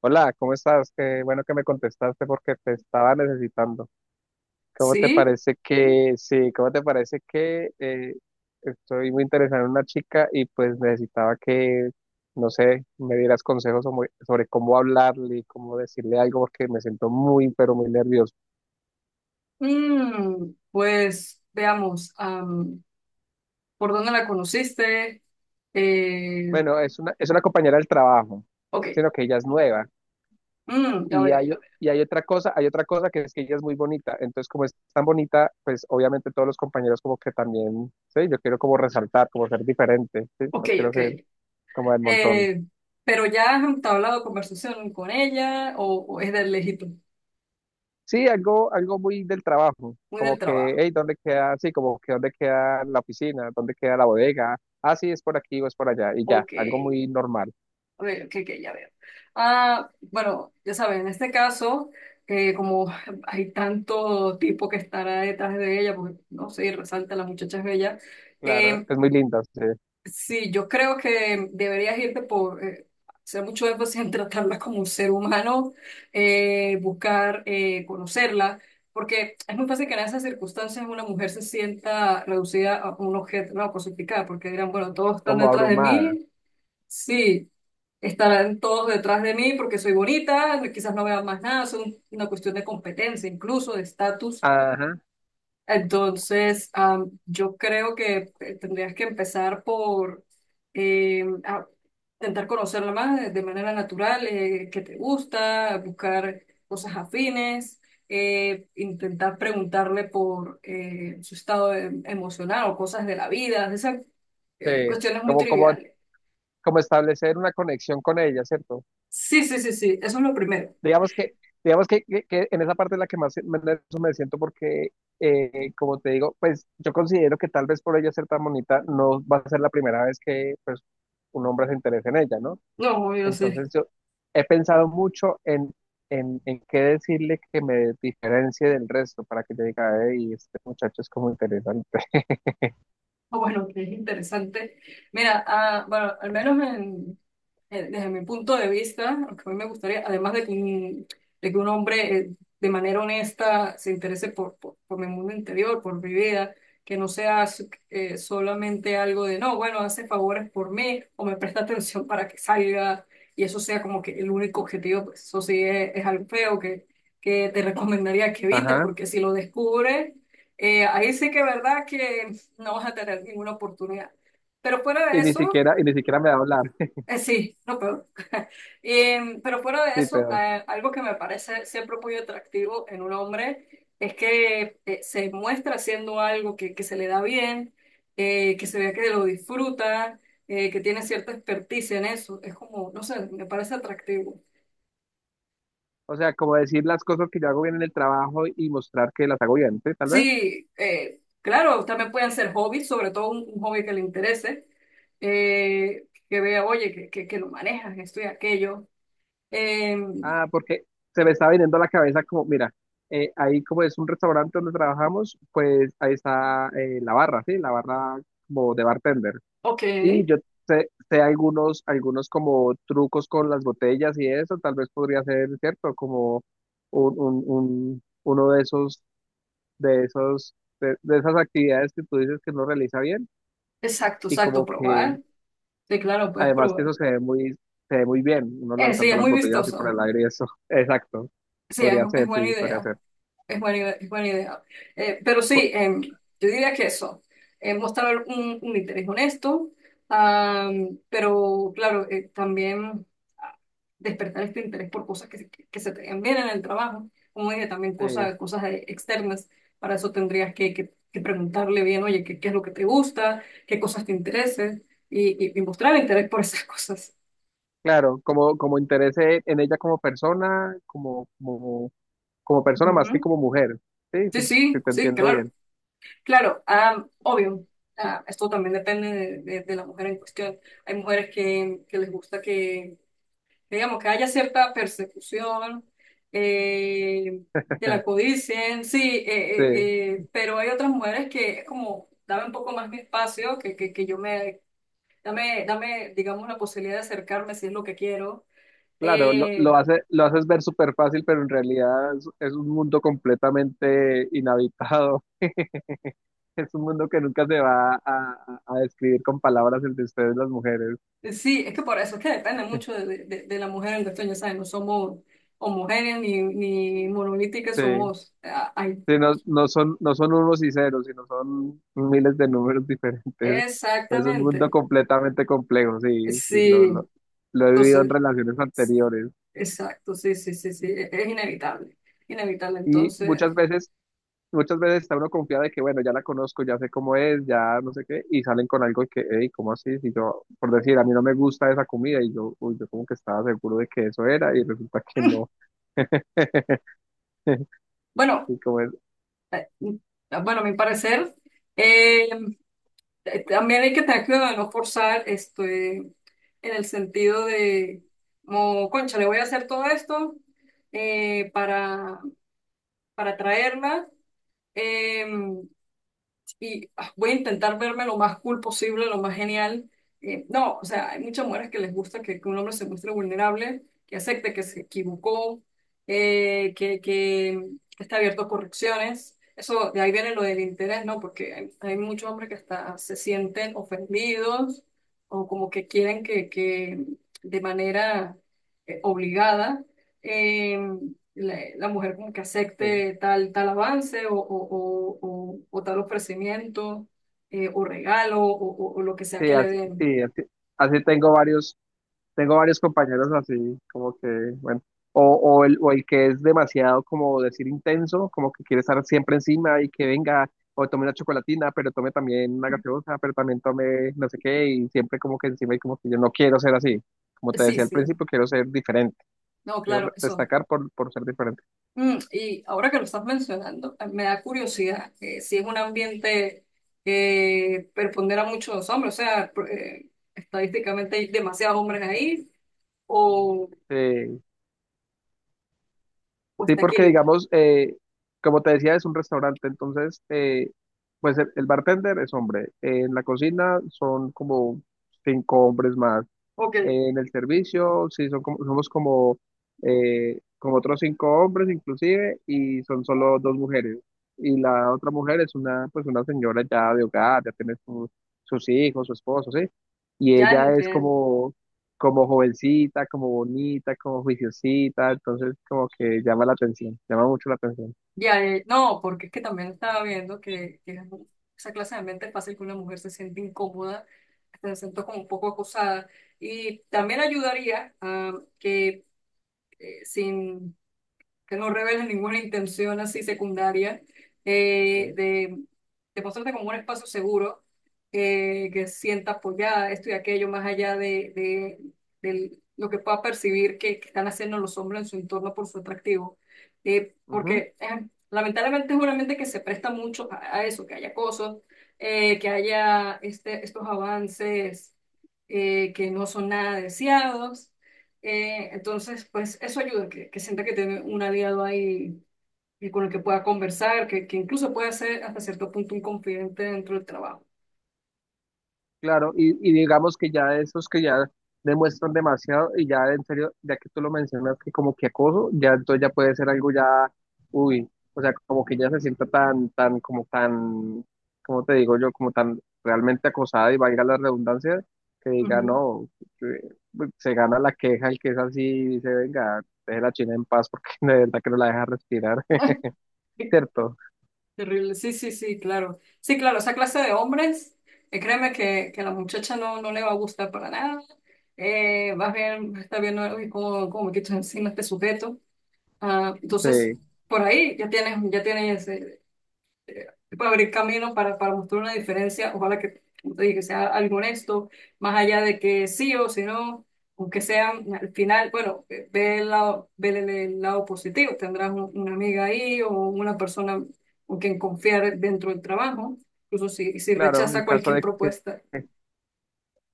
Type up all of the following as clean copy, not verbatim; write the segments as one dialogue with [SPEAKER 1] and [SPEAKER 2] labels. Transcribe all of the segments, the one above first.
[SPEAKER 1] Hola, ¿cómo estás? Qué bueno que me contestaste porque te estaba necesitando. ¿Cómo te
[SPEAKER 2] Sí.
[SPEAKER 1] parece que, sí, cómo te parece que estoy muy interesado en una chica y pues necesitaba que, no sé, me dieras consejos sobre cómo hablarle y cómo decirle algo porque me siento muy, pero muy nervioso.
[SPEAKER 2] Pues veamos, ¿por dónde la conociste? Eh,
[SPEAKER 1] Bueno, es una compañera del trabajo,
[SPEAKER 2] ok.
[SPEAKER 1] sino que ella es nueva.
[SPEAKER 2] Mm, ya
[SPEAKER 1] Y
[SPEAKER 2] veo,
[SPEAKER 1] hay,
[SPEAKER 2] ya veo.
[SPEAKER 1] y hay otra cosa que es que ella es muy bonita. Entonces, como es tan bonita, pues obviamente todos los compañeros como que también, sí, yo quiero como resaltar, como ser diferente, sí,
[SPEAKER 2] Ok,
[SPEAKER 1] no quiero
[SPEAKER 2] ok.
[SPEAKER 1] ser como del montón.
[SPEAKER 2] Eh, pero ya has entablado conversación con ella o es del lejito,
[SPEAKER 1] Sí, algo muy del trabajo,
[SPEAKER 2] muy
[SPEAKER 1] como
[SPEAKER 2] del
[SPEAKER 1] que,
[SPEAKER 2] trabajo.
[SPEAKER 1] hey, ¿dónde queda? Sí, como que ¿dónde queda la oficina? ¿Dónde queda la bodega? Ah, sí, es por aquí o es por allá, y ya,
[SPEAKER 2] Ok,
[SPEAKER 1] algo muy normal.
[SPEAKER 2] a ver, ok, ok, ya veo. Ah, bueno, ya saben, en este caso, como hay tanto tipo que estará detrás de ella, porque no sé, resalta, la muchacha es bella.
[SPEAKER 1] Claro,
[SPEAKER 2] eh,
[SPEAKER 1] es muy linda, sí,
[SPEAKER 2] Sí, yo creo que deberías irte por hacer mucho énfasis en tratarla como un ser humano, buscar conocerla, porque es muy fácil que en esas circunstancias una mujer se sienta reducida a un objeto, no, cosificada, porque dirán, bueno, todos están
[SPEAKER 1] como
[SPEAKER 2] detrás de
[SPEAKER 1] abrumada.
[SPEAKER 2] mí, sí, estarán todos detrás de mí porque soy bonita, quizás no vean más nada, es una cuestión de competencia, incluso de estatus.
[SPEAKER 1] Ajá,
[SPEAKER 2] Entonces, yo creo que tendrías que empezar por a intentar conocerla más de manera natural, qué te gusta, buscar cosas afines, intentar preguntarle por su estado emocional o cosas de la vida, esas
[SPEAKER 1] sí,
[SPEAKER 2] cuestiones muy
[SPEAKER 1] como, como,
[SPEAKER 2] triviales.
[SPEAKER 1] como establecer una conexión con ella, ¿cierto?
[SPEAKER 2] Sí, eso es lo primero.
[SPEAKER 1] Digamos que, digamos que, que en esa parte es la que más nervioso me siento porque, como te digo, pues yo considero que tal vez por ella ser tan bonita no va a ser la primera vez que pues, un hombre se interese en ella, ¿no?
[SPEAKER 2] No, yo sé.
[SPEAKER 1] Entonces yo he pensado mucho en qué decirle que me diferencie del resto para que ella diga, y este muchacho es como interesante.
[SPEAKER 2] Ah, bueno, que es interesante. Mira, ah, bueno, al menos desde mi punto de vista, lo que a mí me gustaría, además de que un hombre de manera honesta se interese por mi mundo interior, por mi vida, que no sea solamente algo de, no, bueno, hace favores por mí o me presta atención para que salga y eso sea como que el único objetivo, pues eso sí es algo feo que te recomendaría que evites,
[SPEAKER 1] Ajá.
[SPEAKER 2] porque si lo descubres, ahí sí que es verdad que no vas a tener ninguna oportunidad. Pero fuera de eso...
[SPEAKER 1] Y ni siquiera me va a hablar.
[SPEAKER 2] Sí, lo peor. Pero fuera de
[SPEAKER 1] Sí,
[SPEAKER 2] eso,
[SPEAKER 1] peor.
[SPEAKER 2] algo que me parece siempre muy atractivo en un hombre es que se muestra haciendo algo que se le da bien, que se vea que lo disfruta, que tiene cierta experticia en eso. Es como, no sé, me parece atractivo.
[SPEAKER 1] O sea, como decir las cosas que yo hago bien en el trabajo y mostrar que las hago bien, ¿sí? Tal vez.
[SPEAKER 2] Sí, claro, también pueden ser hobbies, sobre todo un hobby que le interese, que vea, oye, que lo manejas, esto y aquello. Em,
[SPEAKER 1] Ah, porque se me estaba viniendo a la cabeza como, mira, ahí como es un restaurante donde trabajamos, pues ahí está la barra, ¿sí? La barra como de bartender.
[SPEAKER 2] ok.
[SPEAKER 1] Y yo sé algunos, algunos como trucos con las botellas y eso, tal vez podría ser, ¿cierto? Como uno de esos, de esos, de esas actividades que tú dices que no realiza bien
[SPEAKER 2] Exacto,
[SPEAKER 1] y
[SPEAKER 2] exacto,
[SPEAKER 1] como que
[SPEAKER 2] probar. Sí, claro, puedes
[SPEAKER 1] además que
[SPEAKER 2] probar.
[SPEAKER 1] eso se ve muy bien, uno
[SPEAKER 2] Sí,
[SPEAKER 1] lanzando
[SPEAKER 2] es
[SPEAKER 1] las
[SPEAKER 2] muy
[SPEAKER 1] botellas así por
[SPEAKER 2] vistoso.
[SPEAKER 1] el aire y eso. Exacto.
[SPEAKER 2] Sí,
[SPEAKER 1] Podría
[SPEAKER 2] es
[SPEAKER 1] ser,
[SPEAKER 2] buena
[SPEAKER 1] sí, podría
[SPEAKER 2] idea.
[SPEAKER 1] ser.
[SPEAKER 2] Es es buena idea. Pero sí,
[SPEAKER 1] Po-
[SPEAKER 2] em, yo diría que eso, mostrar un interés honesto, am, pero claro, también ah, despertar este interés por cosas que se te den bien en el trabajo. Como dije, también
[SPEAKER 1] sí,
[SPEAKER 2] cosas externas. Para eso tendrías que preguntarle bien, oye, ¿qué, qué es lo que te gusta? ¿Qué cosas te interesan? Y mostrar interés por esas cosas.
[SPEAKER 1] claro, como interés en ella como persona, como persona más que
[SPEAKER 2] Ujú.
[SPEAKER 1] como mujer. Sí,
[SPEAKER 2] Sí,
[SPEAKER 1] sí, sí,
[SPEAKER 2] sí,
[SPEAKER 1] te
[SPEAKER 2] sí,
[SPEAKER 1] entiendo
[SPEAKER 2] claro,
[SPEAKER 1] bien.
[SPEAKER 2] claro, ah, obvio. Ah, esto también depende de la mujer en cuestión. Hay mujeres que les gusta que, digamos, que haya cierta persecución, eh, que la codicien, sí,
[SPEAKER 1] Sí,
[SPEAKER 2] pero hay otras mujeres que es como, dame un poco más mi espacio, que yo me, dame, digamos, la posibilidad de acercarme si es lo que quiero.
[SPEAKER 1] claro, lo
[SPEAKER 2] eh,
[SPEAKER 1] hace, lo haces ver súper fácil, pero en realidad es un mundo completamente inhabitado. Es un mundo que nunca se va a describir con palabras el de ustedes las mujeres.
[SPEAKER 2] Sí, es que por eso es que depende mucho de la mujer en cuestión. Ya sabes, no somos homogéneas ni monolíticas,
[SPEAKER 1] Sí.
[SPEAKER 2] somos... ah, ay,
[SPEAKER 1] Sí, no, no son unos y ceros, sino son miles de números diferentes. Es un mundo
[SPEAKER 2] exactamente,
[SPEAKER 1] completamente complejo, sí, sí,
[SPEAKER 2] sí,
[SPEAKER 1] lo he vivido en
[SPEAKER 2] entonces,
[SPEAKER 1] relaciones anteriores.
[SPEAKER 2] exacto, sí, sí, sí, sí, es inevitable, inevitable.
[SPEAKER 1] Y muchas
[SPEAKER 2] Entonces,
[SPEAKER 1] veces, muchas veces está uno confiado de que, bueno, ya la conozco, ya sé cómo es, ya no sé qué, y salen con algo que, hey, ¿cómo así? Si yo, por decir, a mí no me gusta esa comida, y yo, uy, yo como que estaba seguro de que eso era, y resulta que no.
[SPEAKER 2] bueno,
[SPEAKER 1] Y como es,
[SPEAKER 2] mm, bueno, a mi parecer, eh, también hay que tener cuidado de no forzar esto, en el sentido de, como, concha, le voy a hacer todo esto eh, para, para traerla. Eh, y ah, voy a intentar verme lo más cool posible, lo más genial. No, o sea, hay muchas mujeres que les gusta que un hombre se muestre vulnerable, que acepte que se equivocó, que está abierto a correcciones. Eso, de ahí viene lo del interés, ¿no? Porque hay muchos hombres que hasta se sienten ofendidos o como que quieren que de manera obligada Em, la mujer como que
[SPEAKER 1] sí,
[SPEAKER 2] acepte tal avance o tal ofrecimiento o regalo o lo que sea que le den.
[SPEAKER 1] sí, así, así tengo varios. Tengo varios compañeros así, como que, bueno, o el que es demasiado, como decir, intenso, como que quiere estar siempre encima y que venga, o tome una chocolatina, pero tome también una gaseosa, pero también tome no sé qué, y siempre como que encima y como que yo no quiero ser así. Como te
[SPEAKER 2] Sí,
[SPEAKER 1] decía al
[SPEAKER 2] sí,
[SPEAKER 1] principio, quiero ser diferente,
[SPEAKER 2] no,
[SPEAKER 1] quiero
[SPEAKER 2] claro, eso.
[SPEAKER 1] destacar por ser diferente.
[SPEAKER 2] Mm, y ahora que lo estás mencionando, me da curiosidad si es un ambiente que prepondera mucho a los hombres, o sea, estadísticamente hay demasiados hombres ahí o,
[SPEAKER 1] Eh,
[SPEAKER 2] o
[SPEAKER 1] sí,
[SPEAKER 2] está
[SPEAKER 1] porque
[SPEAKER 2] equilibrado.
[SPEAKER 1] digamos, como te decía, es un restaurante, entonces, pues el bartender es hombre, en la cocina son como cinco hombres más
[SPEAKER 2] Ok,
[SPEAKER 1] en el servicio, sí, son como, somos como, como otros cinco hombres inclusive y son solo dos mujeres. Y la otra mujer es una, pues una señora ya de hogar, ya tiene sus hijos, su esposo, ¿sí? Y
[SPEAKER 2] ya
[SPEAKER 1] ella es
[SPEAKER 2] entiendo.
[SPEAKER 1] como, como jovencita, como bonita, como juiciosita, entonces como que llama la atención, llama mucho la atención.
[SPEAKER 2] Ya, no, porque es que también estaba viendo que esa clase de ambiente es fácil que una mujer se siente incómoda, hasta se sienta como un poco acosada. Y también ayudaría a que sin que no reveles ninguna intención así secundaria, eh,
[SPEAKER 1] ¿Sí?
[SPEAKER 2] de, de mostrarte como un espacio seguro, que sientas pues ya esto y aquello, más allá lo que pueda percibir que están haciendo los hombres en su entorno por su atractivo.
[SPEAKER 1] Ujú.
[SPEAKER 2] Porque lamentablemente es una mente que se presta mucho a eso, que haya cosas, que haya estos avances que no son nada deseados. Entonces, pues eso ayuda, que sienta que tiene un aliado ahí y con el que pueda conversar, que incluso pueda ser hasta cierto punto un confidente dentro del trabajo.
[SPEAKER 1] Claro, y digamos que ya esos que ya demuestran demasiado y ya en serio, ya que tú lo mencionas que como que acoso, ya entonces ya puede ser algo ya, uy, o sea, como que ya se sienta tan, tan, como te digo yo, como tan realmente acosada y valga la redundancia, que diga,
[SPEAKER 2] Ujú.
[SPEAKER 1] no, eh, se gana la queja el que es así y dice, venga, deje la China en paz porque de verdad que no la deja respirar, ¿cierto?
[SPEAKER 2] Terrible. Sí, sí, sí, claro. Sí, claro, esa clase de hombres, créeme que a la muchacha no, no le va a gustar para nada. Más bien está viendo "Uy, cómo, cómo me quito encima este sujeto". Ah, entonces,
[SPEAKER 1] Sí,
[SPEAKER 2] por ahí ya tienes puede abrir camino, para mostrar una diferencia, ojalá que, como te dije, que sea algo honesto, más allá de que sí o si no, aunque sean al final, bueno, ve el lado, ve el lado positivo, tendrás una amiga ahí o una persona con quien confiar dentro del trabajo, incluso si, si
[SPEAKER 1] claro,
[SPEAKER 2] rechaza cualquier propuesta.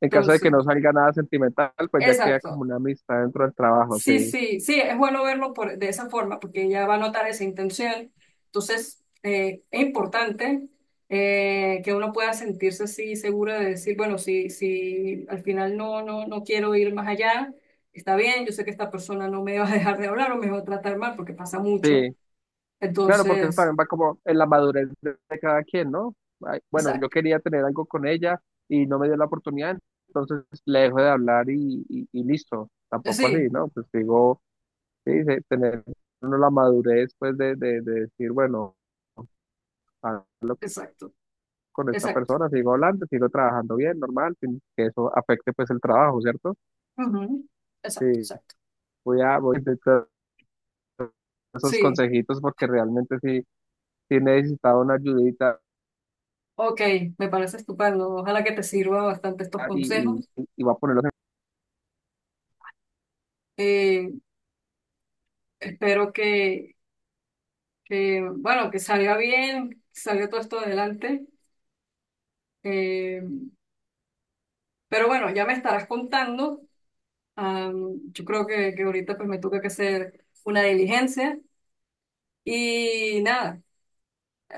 [SPEAKER 1] En caso de que
[SPEAKER 2] Entonces,
[SPEAKER 1] no salga nada sentimental, pues ya queda como
[SPEAKER 2] exacto.
[SPEAKER 1] una amistad dentro del trabajo,
[SPEAKER 2] Sí,
[SPEAKER 1] sí.
[SPEAKER 2] sí, sí, es bueno verlo por, de esa forma porque ella va a notar esa intención. Entonces, es importante que uno pueda sentirse así segura de decir, bueno, si, si al final no, no, no quiero ir más allá, está bien, yo sé que esta persona no me va a dejar de hablar o me va a tratar mal porque pasa mucho.
[SPEAKER 1] Sí, claro, porque eso
[SPEAKER 2] Entonces,
[SPEAKER 1] también va como en la madurez de cada quien, ¿no? Ay, bueno, yo
[SPEAKER 2] exacto,
[SPEAKER 1] quería tener algo con ella y no me dio la oportunidad, entonces le dejo de hablar y listo. Tampoco así,
[SPEAKER 2] sí,
[SPEAKER 1] ¿no? Pues digo, sí, de tener uno la madurez, pues de decir, bueno, hablo
[SPEAKER 2] exacto,
[SPEAKER 1] con esta
[SPEAKER 2] exacto,
[SPEAKER 1] persona, sigo hablando, sigo trabajando bien, normal, sin que eso afecte pues el trabajo, ¿cierto?
[SPEAKER 2] ujú, exacto,
[SPEAKER 1] Sí,
[SPEAKER 2] exacto.
[SPEAKER 1] voy a intentar esos
[SPEAKER 2] Sí,
[SPEAKER 1] consejitos porque realmente sí, sí necesitaba una ayudita
[SPEAKER 2] ok, me parece estupendo. Ojalá que te sirva bastante estos
[SPEAKER 1] y, y,
[SPEAKER 2] consejos.
[SPEAKER 1] y voy a ponerlos en...
[SPEAKER 2] Eh, Espero que, bueno, que salga bien, que salga todo esto adelante. Eh, pero bueno, ya me estarás contando. Yo creo que ahorita pues me toca que hacer una diligencia. Y nada, eh,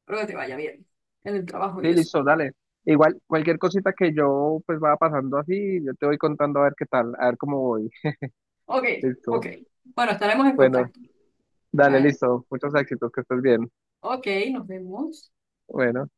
[SPEAKER 2] espero que te vaya bien en el trabajo y
[SPEAKER 1] Sí,
[SPEAKER 2] eso.
[SPEAKER 1] listo, dale. Igual, cualquier cosita que yo pues vaya pasando así, yo te voy contando a ver qué tal, a ver cómo voy.
[SPEAKER 2] Ok, ok.
[SPEAKER 1] Listo.
[SPEAKER 2] Bueno, estaremos en
[SPEAKER 1] Bueno,
[SPEAKER 2] contacto.
[SPEAKER 1] dale,
[SPEAKER 2] Bueno,
[SPEAKER 1] listo. Muchos éxitos, que estés bien.
[SPEAKER 2] ok, nos vemos.
[SPEAKER 1] Bueno.